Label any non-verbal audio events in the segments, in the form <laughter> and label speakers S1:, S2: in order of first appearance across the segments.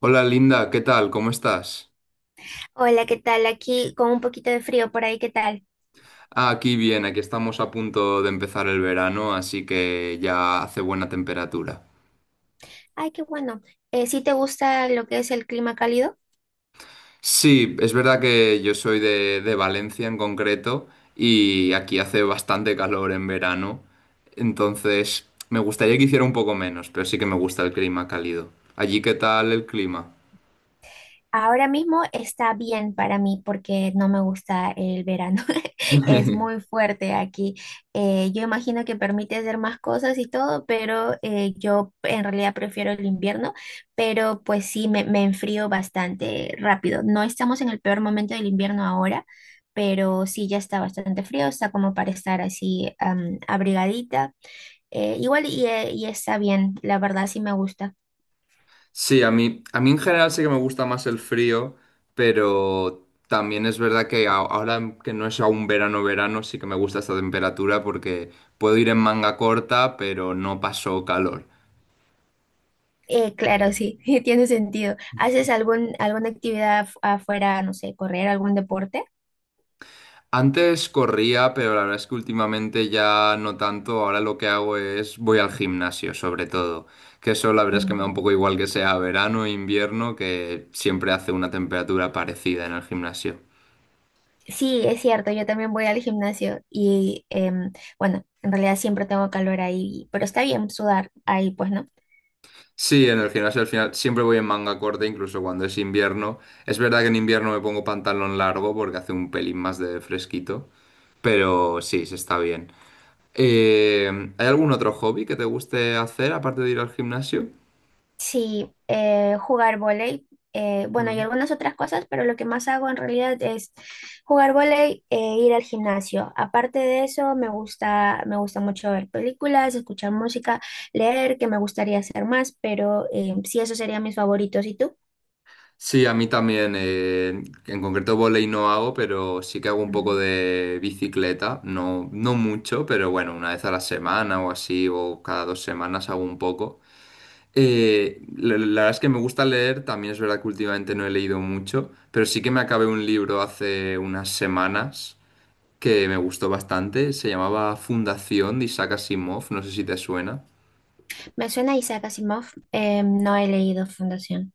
S1: Hola Linda, ¿qué tal? ¿Cómo estás?
S2: Hola, ¿qué tal? Aquí con un poquito de frío por ahí, ¿qué tal?
S1: Ah, aquí bien, aquí estamos a punto de empezar el verano, así que ya hace buena temperatura.
S2: Ay, qué bueno. ¿Sí te gusta lo que es el clima cálido?
S1: Sí, es verdad que yo soy de Valencia en concreto y aquí hace bastante calor en verano, entonces me gustaría que hiciera un poco menos, pero sí que me gusta el clima cálido. ¿Allí qué tal el clima?
S2: Ahora mismo está bien para mí porque no me gusta el verano. <laughs> Es muy
S1: <laughs>
S2: fuerte aquí. Yo imagino que permite hacer más cosas y todo, pero yo en realidad prefiero el invierno, pero pues sí, me enfrío bastante rápido. No estamos en el peor momento del invierno ahora, pero sí, ya está bastante frío, está como para estar así abrigadita. Igual y está bien, la verdad sí me gusta.
S1: Sí, a mí en general sí que me gusta más el frío, pero también es verdad que ahora que no es aún verano, verano, sí que me gusta esta temperatura porque puedo ir en manga corta, pero no paso calor.
S2: Claro, sí, <laughs> tiene sentido. ¿Haces alguna actividad afuera, no sé, correr algún deporte?
S1: Antes corría, pero la verdad es que últimamente ya no tanto. Ahora lo que hago es voy al gimnasio, sobre todo. Que eso la verdad es que me da un
S2: Mm,
S1: poco igual que sea verano o invierno, que siempre hace una temperatura parecida en el gimnasio.
S2: sí, es cierto, yo también voy al gimnasio y bueno, en realidad siempre tengo calor ahí, pero está bien sudar ahí, pues, ¿no?
S1: Sí, en el gimnasio al final siempre voy en manga corta, incluso cuando es invierno. Es verdad que en invierno me pongo pantalón largo porque hace un pelín más de fresquito, pero sí, se está bien. ¿Hay algún otro hobby que te guste hacer aparte de ir al gimnasio?
S2: Sí, jugar vóley. Bueno, y
S1: Mm.
S2: algunas otras cosas, pero lo que más hago en realidad es jugar vóley e ir al gimnasio. Aparte de eso, me gusta mucho ver películas, escuchar música, leer, que me gustaría hacer más, pero sí, esos serían mis favoritos. ¿Y tú?
S1: Sí, a mí también. En concreto volei no hago, pero sí que hago un poco
S2: Mm.
S1: de bicicleta. No, no mucho, pero bueno, una vez a la semana o así, o cada dos semanas hago un poco. La verdad es que me gusta leer, también es verdad que últimamente no he leído mucho, pero sí que me acabé un libro hace unas semanas que me gustó bastante, se llamaba Fundación de Isaac Asimov, no sé si te suena.
S2: Me suena Isaac Asimov. No he leído Fundación.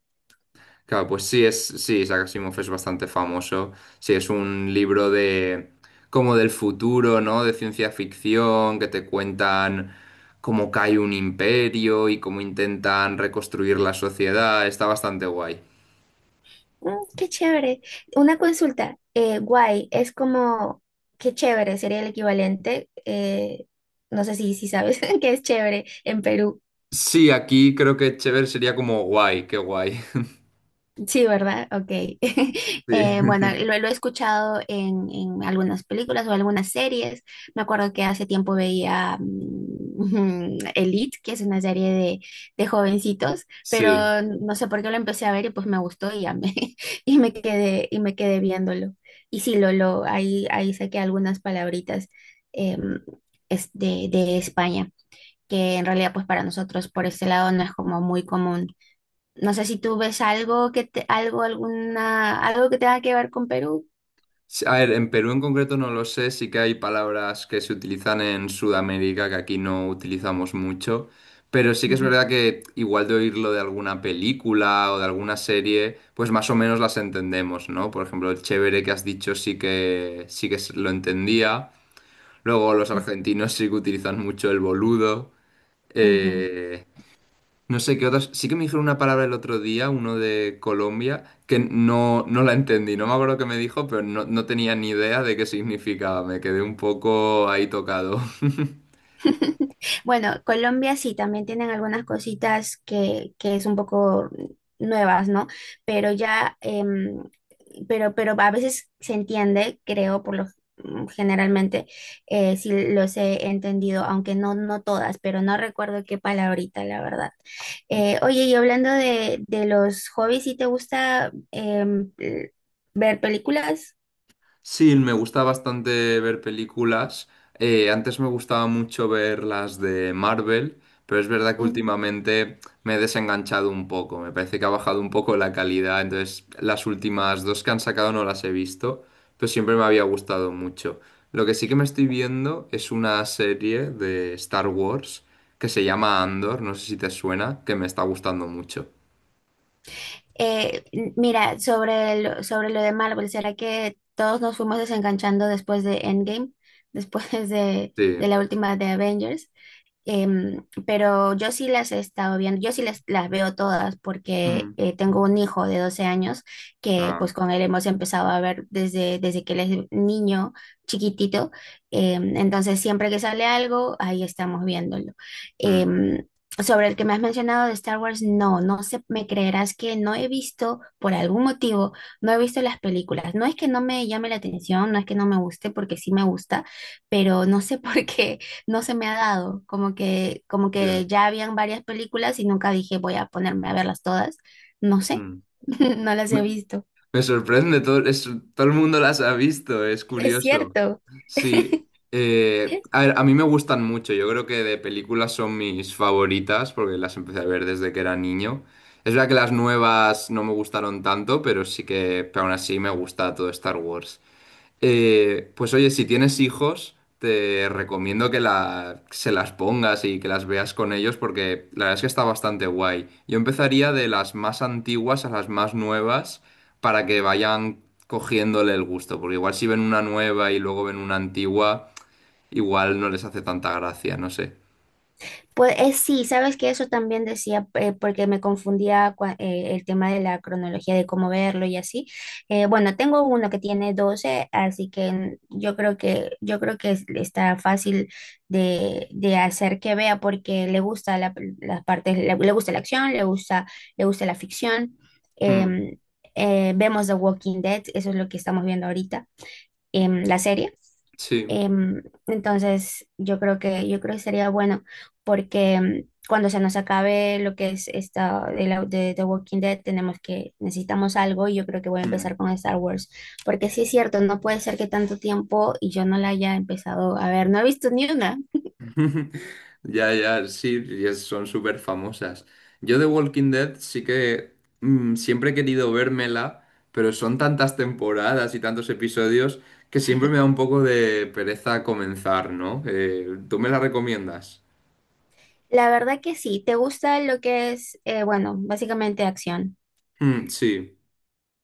S1: Claro, pues sí, es, sí, Isaac Asimov es bastante famoso, sí, es un libro de como del futuro, ¿no? De ciencia ficción, que te cuentan cómo cae un imperio y cómo intentan reconstruir la sociedad, está bastante guay.
S2: Mm, qué chévere. Una consulta, guay, es como, qué chévere, sería el equivalente, no sé si sabes <laughs> qué es chévere en Perú.
S1: Sí, aquí creo que chévere sería como guay, qué guay. <laughs>
S2: Sí, ¿verdad? Ok. <laughs>
S1: Sí.
S2: Bueno,
S1: <laughs>
S2: lo he escuchado en algunas películas o algunas series. Me acuerdo que hace tiempo veía <laughs> Elite, que es una serie de jovencitos,
S1: Sí.
S2: pero no sé por qué lo empecé a ver y pues me gustó y ya <laughs> y me quedé viéndolo. Y sí, ahí saqué algunas palabritas, em, es de España, que en realidad pues para nosotros por este lado no es como muy común. No sé si tú ves algo que te, algo, alguna, algo que tenga que ver con Perú.
S1: Sí, a ver, en Perú en concreto no lo sé, sí que hay palabras que se utilizan en Sudamérica que aquí no utilizamos mucho, pero sí que es
S2: Ujú,
S1: verdad que igual de oírlo de alguna película o de alguna serie, pues más o menos las entendemos, ¿no? Por ejemplo, el chévere que has dicho lo entendía. Luego los
S2: ujú,
S1: argentinos sí que utilizan mucho el boludo.
S2: ujú.
S1: Eh, No sé qué otras. Sí que me dijeron una palabra el otro día, uno de Colombia, que no, no la entendí. No me acuerdo qué me dijo, pero no, no tenía ni idea de qué significaba. Me quedé un poco ahí tocado. <laughs>
S2: <laughs> Bueno, Colombia sí, también tienen algunas cositas que es un poco nuevas, ¿no? Pero ya, pero a veces se entiende, creo, por lo generalmente, sí los he entendido, aunque no, no todas, pero no recuerdo qué palabrita, la verdad. Oye, y hablando de los hobbies, ¿sí te gusta ver películas?
S1: Sí, me gusta bastante ver películas. Antes me gustaba mucho ver las de Marvel, pero es verdad que últimamente me he desenganchado un poco. Me parece que ha bajado un poco la calidad, entonces las últimas dos que han sacado no las he visto, pero siempre me había gustado mucho. Lo que sí que me estoy viendo es una serie de Star Wars que se llama Andor, no sé si te suena, que me está gustando mucho.
S2: Eh, mira, sobre lo de Marvel, ¿será que todos nos fuimos desenganchando después de Endgame, <laughs> después de
S1: Sí.
S2: la última de Avengers? Pero yo sí las he estado viendo, yo sí las veo todas porque
S1: Mm.
S2: tengo un hijo de 12 años que
S1: Ah.
S2: pues con él hemos empezado a ver desde que él es niño chiquitito. Entonces siempre que sale algo, ahí estamos viéndolo.
S1: Mm.
S2: Em, sobre el que me has mencionado de Star Wars, no, no sé, me creerás que no he visto, por algún motivo, no he visto las películas. No es que no me llame la atención, no es que no me guste, porque sí me gusta, pero no sé <laughs> por qué no se me ha dado, como que, como
S1: Ya.
S2: que ya habían varias películas y nunca dije voy a ponerme a verlas todas. No sé,
S1: Mm.
S2: <laughs> no las he
S1: Me-
S2: visto.
S1: Me sorprende, todo, todo el mundo las ha visto, es
S2: Es
S1: curioso.
S2: cierto.
S1: Sí,
S2: <laughs>
S1: a ver, a mí me gustan mucho, yo creo que de películas son mis favoritas porque las empecé a ver desde que era niño. Es verdad que las nuevas no me gustaron tanto, pero sí que, pero aún así me gusta todo Star Wars. Pues oye, si tienes hijos, te recomiendo que se las pongas y que las veas con ellos porque la verdad es que está bastante guay. Yo empezaría de las más antiguas a las más nuevas para que vayan cogiéndole el gusto, porque igual si ven una nueva y luego ven una antigua, igual no les hace tanta gracia, no sé.
S2: Pues sí, sabes que eso también decía, porque me confundía el tema de la cronología de cómo verlo y así. Bueno, tengo uno que tiene 12, así que yo creo que está fácil de hacer que vea porque le gusta las partes, le gusta la acción, le gusta la ficción.
S1: Mm,
S2: Em, vemos The Walking Dead, eso es lo que estamos viendo ahorita, en la serie.
S1: sí.
S2: Entonces, yo creo que sería bueno porque cuando se nos acabe lo que es esta de The Walking Dead, necesitamos algo y yo creo que voy a
S1: Mm.
S2: empezar con Star Wars, porque sí es cierto, no puede ser que tanto tiempo y yo no la haya empezado a ver, no he visto ni una.
S1: Ya, ya, sí, y son súper famosas. Yo de Walking Dead sí que siempre he querido vérmela, pero son tantas temporadas y tantos episodios que siempre me da un poco de pereza comenzar, ¿no? ¿Tú me la recomiendas?
S2: La verdad que sí, ¿te gusta lo que es, bueno, básicamente acción?
S1: Mm, sí.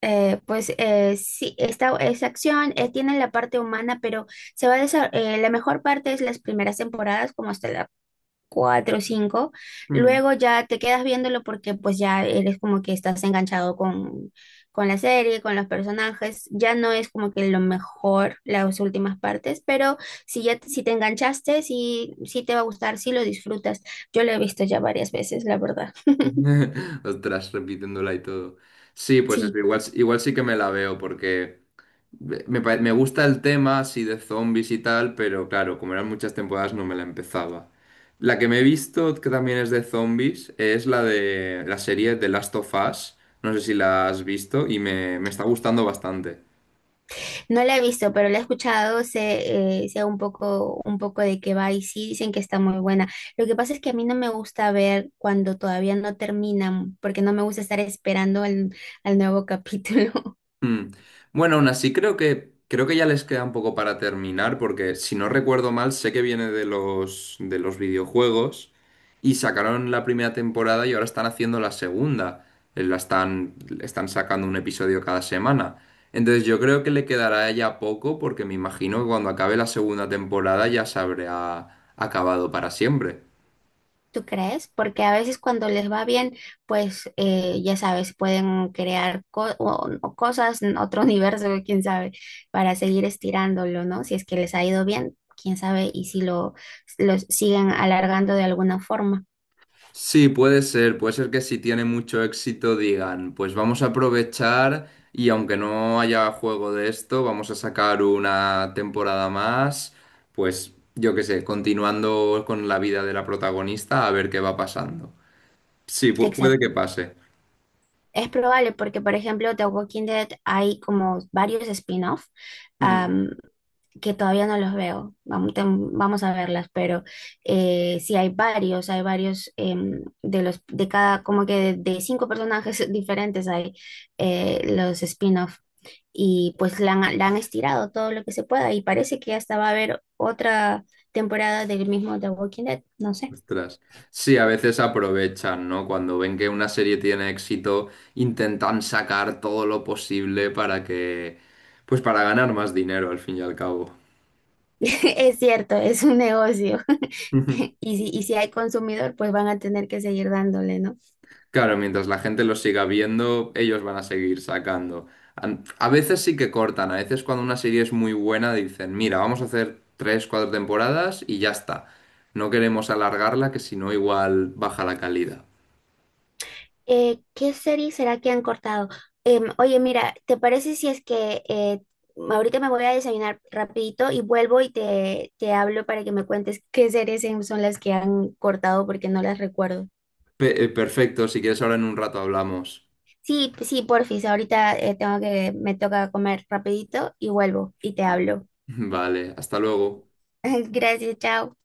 S2: Pues sí, esta es acción, tiene la parte humana, pero se va a desa- la mejor parte es las primeras temporadas, como hasta la cuatro, cinco.
S1: Mm.
S2: Luego ya te quedas viéndolo porque pues ya eres como que estás enganchado con la serie, con los personajes. Ya no es como que lo mejor las últimas partes, pero si te enganchaste, sí, sí te va a gustar, sí lo disfrutas. Yo lo he visto ya varias veces, la verdad. <laughs>
S1: <laughs> Ostras, repitiéndola y todo. Sí, pues eso,
S2: Sí.
S1: igual, igual sí que me la veo porque... Me gusta el tema así de zombies y tal, pero claro, como eran muchas temporadas no me la empezaba. La que me he visto, que también es de zombies, es la de la serie The Last of Us. No sé si la has visto y me está gustando bastante.
S2: No la he visto, pero la he escuchado, sé un poco de qué va y sí dicen que está muy buena. Lo que pasa es que a mí no me gusta ver cuando todavía no terminan, porque no me gusta estar esperando al nuevo capítulo. <laughs>
S1: Mm. Bueno, aún así creo que ya les queda un poco para terminar, porque si no recuerdo mal, sé que viene de los videojuegos y sacaron la primera temporada y ahora están haciendo la segunda. Eh, La están, Están sacando un episodio cada semana. Entonces yo creo que le quedará ya poco, porque me imagino que cuando acabe la segunda temporada ya se habrá acabado para siempre.
S2: ¿Tú crees? Porque a veces cuando les va bien, pues ya sabes, pueden crear o cosas en otro <laughs> universo, quién sabe, para seguir estirándolo, ¿no? Si es que les ha ido bien, quién sabe, y si lo siguen alargando de alguna forma.
S1: Sí, puede ser que si tiene mucho éxito digan, pues vamos a aprovechar y aunque no haya juego de esto, vamos a sacar una temporada más, pues yo qué sé, continuando con la vida de la protagonista a ver qué va pasando. Sí, puede que
S2: Exacto.
S1: pase.
S2: Es probable porque, por ejemplo, The Walking Dead hay como varios spin-off,
S1: Mm,
S2: am, que todavía no los veo. Vamos, vamos a verlas, pero sí hay varios de los de cada como que de cinco personajes <laughs> diferentes hay los spin-off y pues la han estirado todo lo que se pueda y parece que hasta va a haber otra temporada del mismo The Walking Dead. No sé.
S1: ostras. Sí, a veces aprovechan, ¿no? Cuando ven que una serie tiene éxito, intentan sacar todo lo posible para que, pues para ganar más dinero al fin y al cabo.
S2: <laughs> Es cierto, es un negocio.
S1: <laughs>
S2: <laughs> Y si hay consumidor, pues van a tener que seguir dándole, ¿no?
S1: Claro, mientras la gente los siga viendo, ellos van a seguir sacando. A veces sí que cortan, a veces cuando una serie es muy buena dicen, mira, vamos a hacer tres, cuatro temporadas y ya está. No queremos alargarla, que si no igual baja la calidad.
S2: ¿Qué serie será que han cortado? Oye, mira, ¿te parece si es que ahorita me voy a desayunar rapidito y vuelvo y te hablo para que me cuentes qué series son las que han cortado porque no las recuerdo?
S1: Perfecto, si quieres ahora en un rato hablamos.
S2: Sí, sí, porfis, ahorita me toca comer rapidito y vuelvo y te hablo.
S1: <laughs> Vale, hasta luego.
S2: <laughs> Gracias, chao.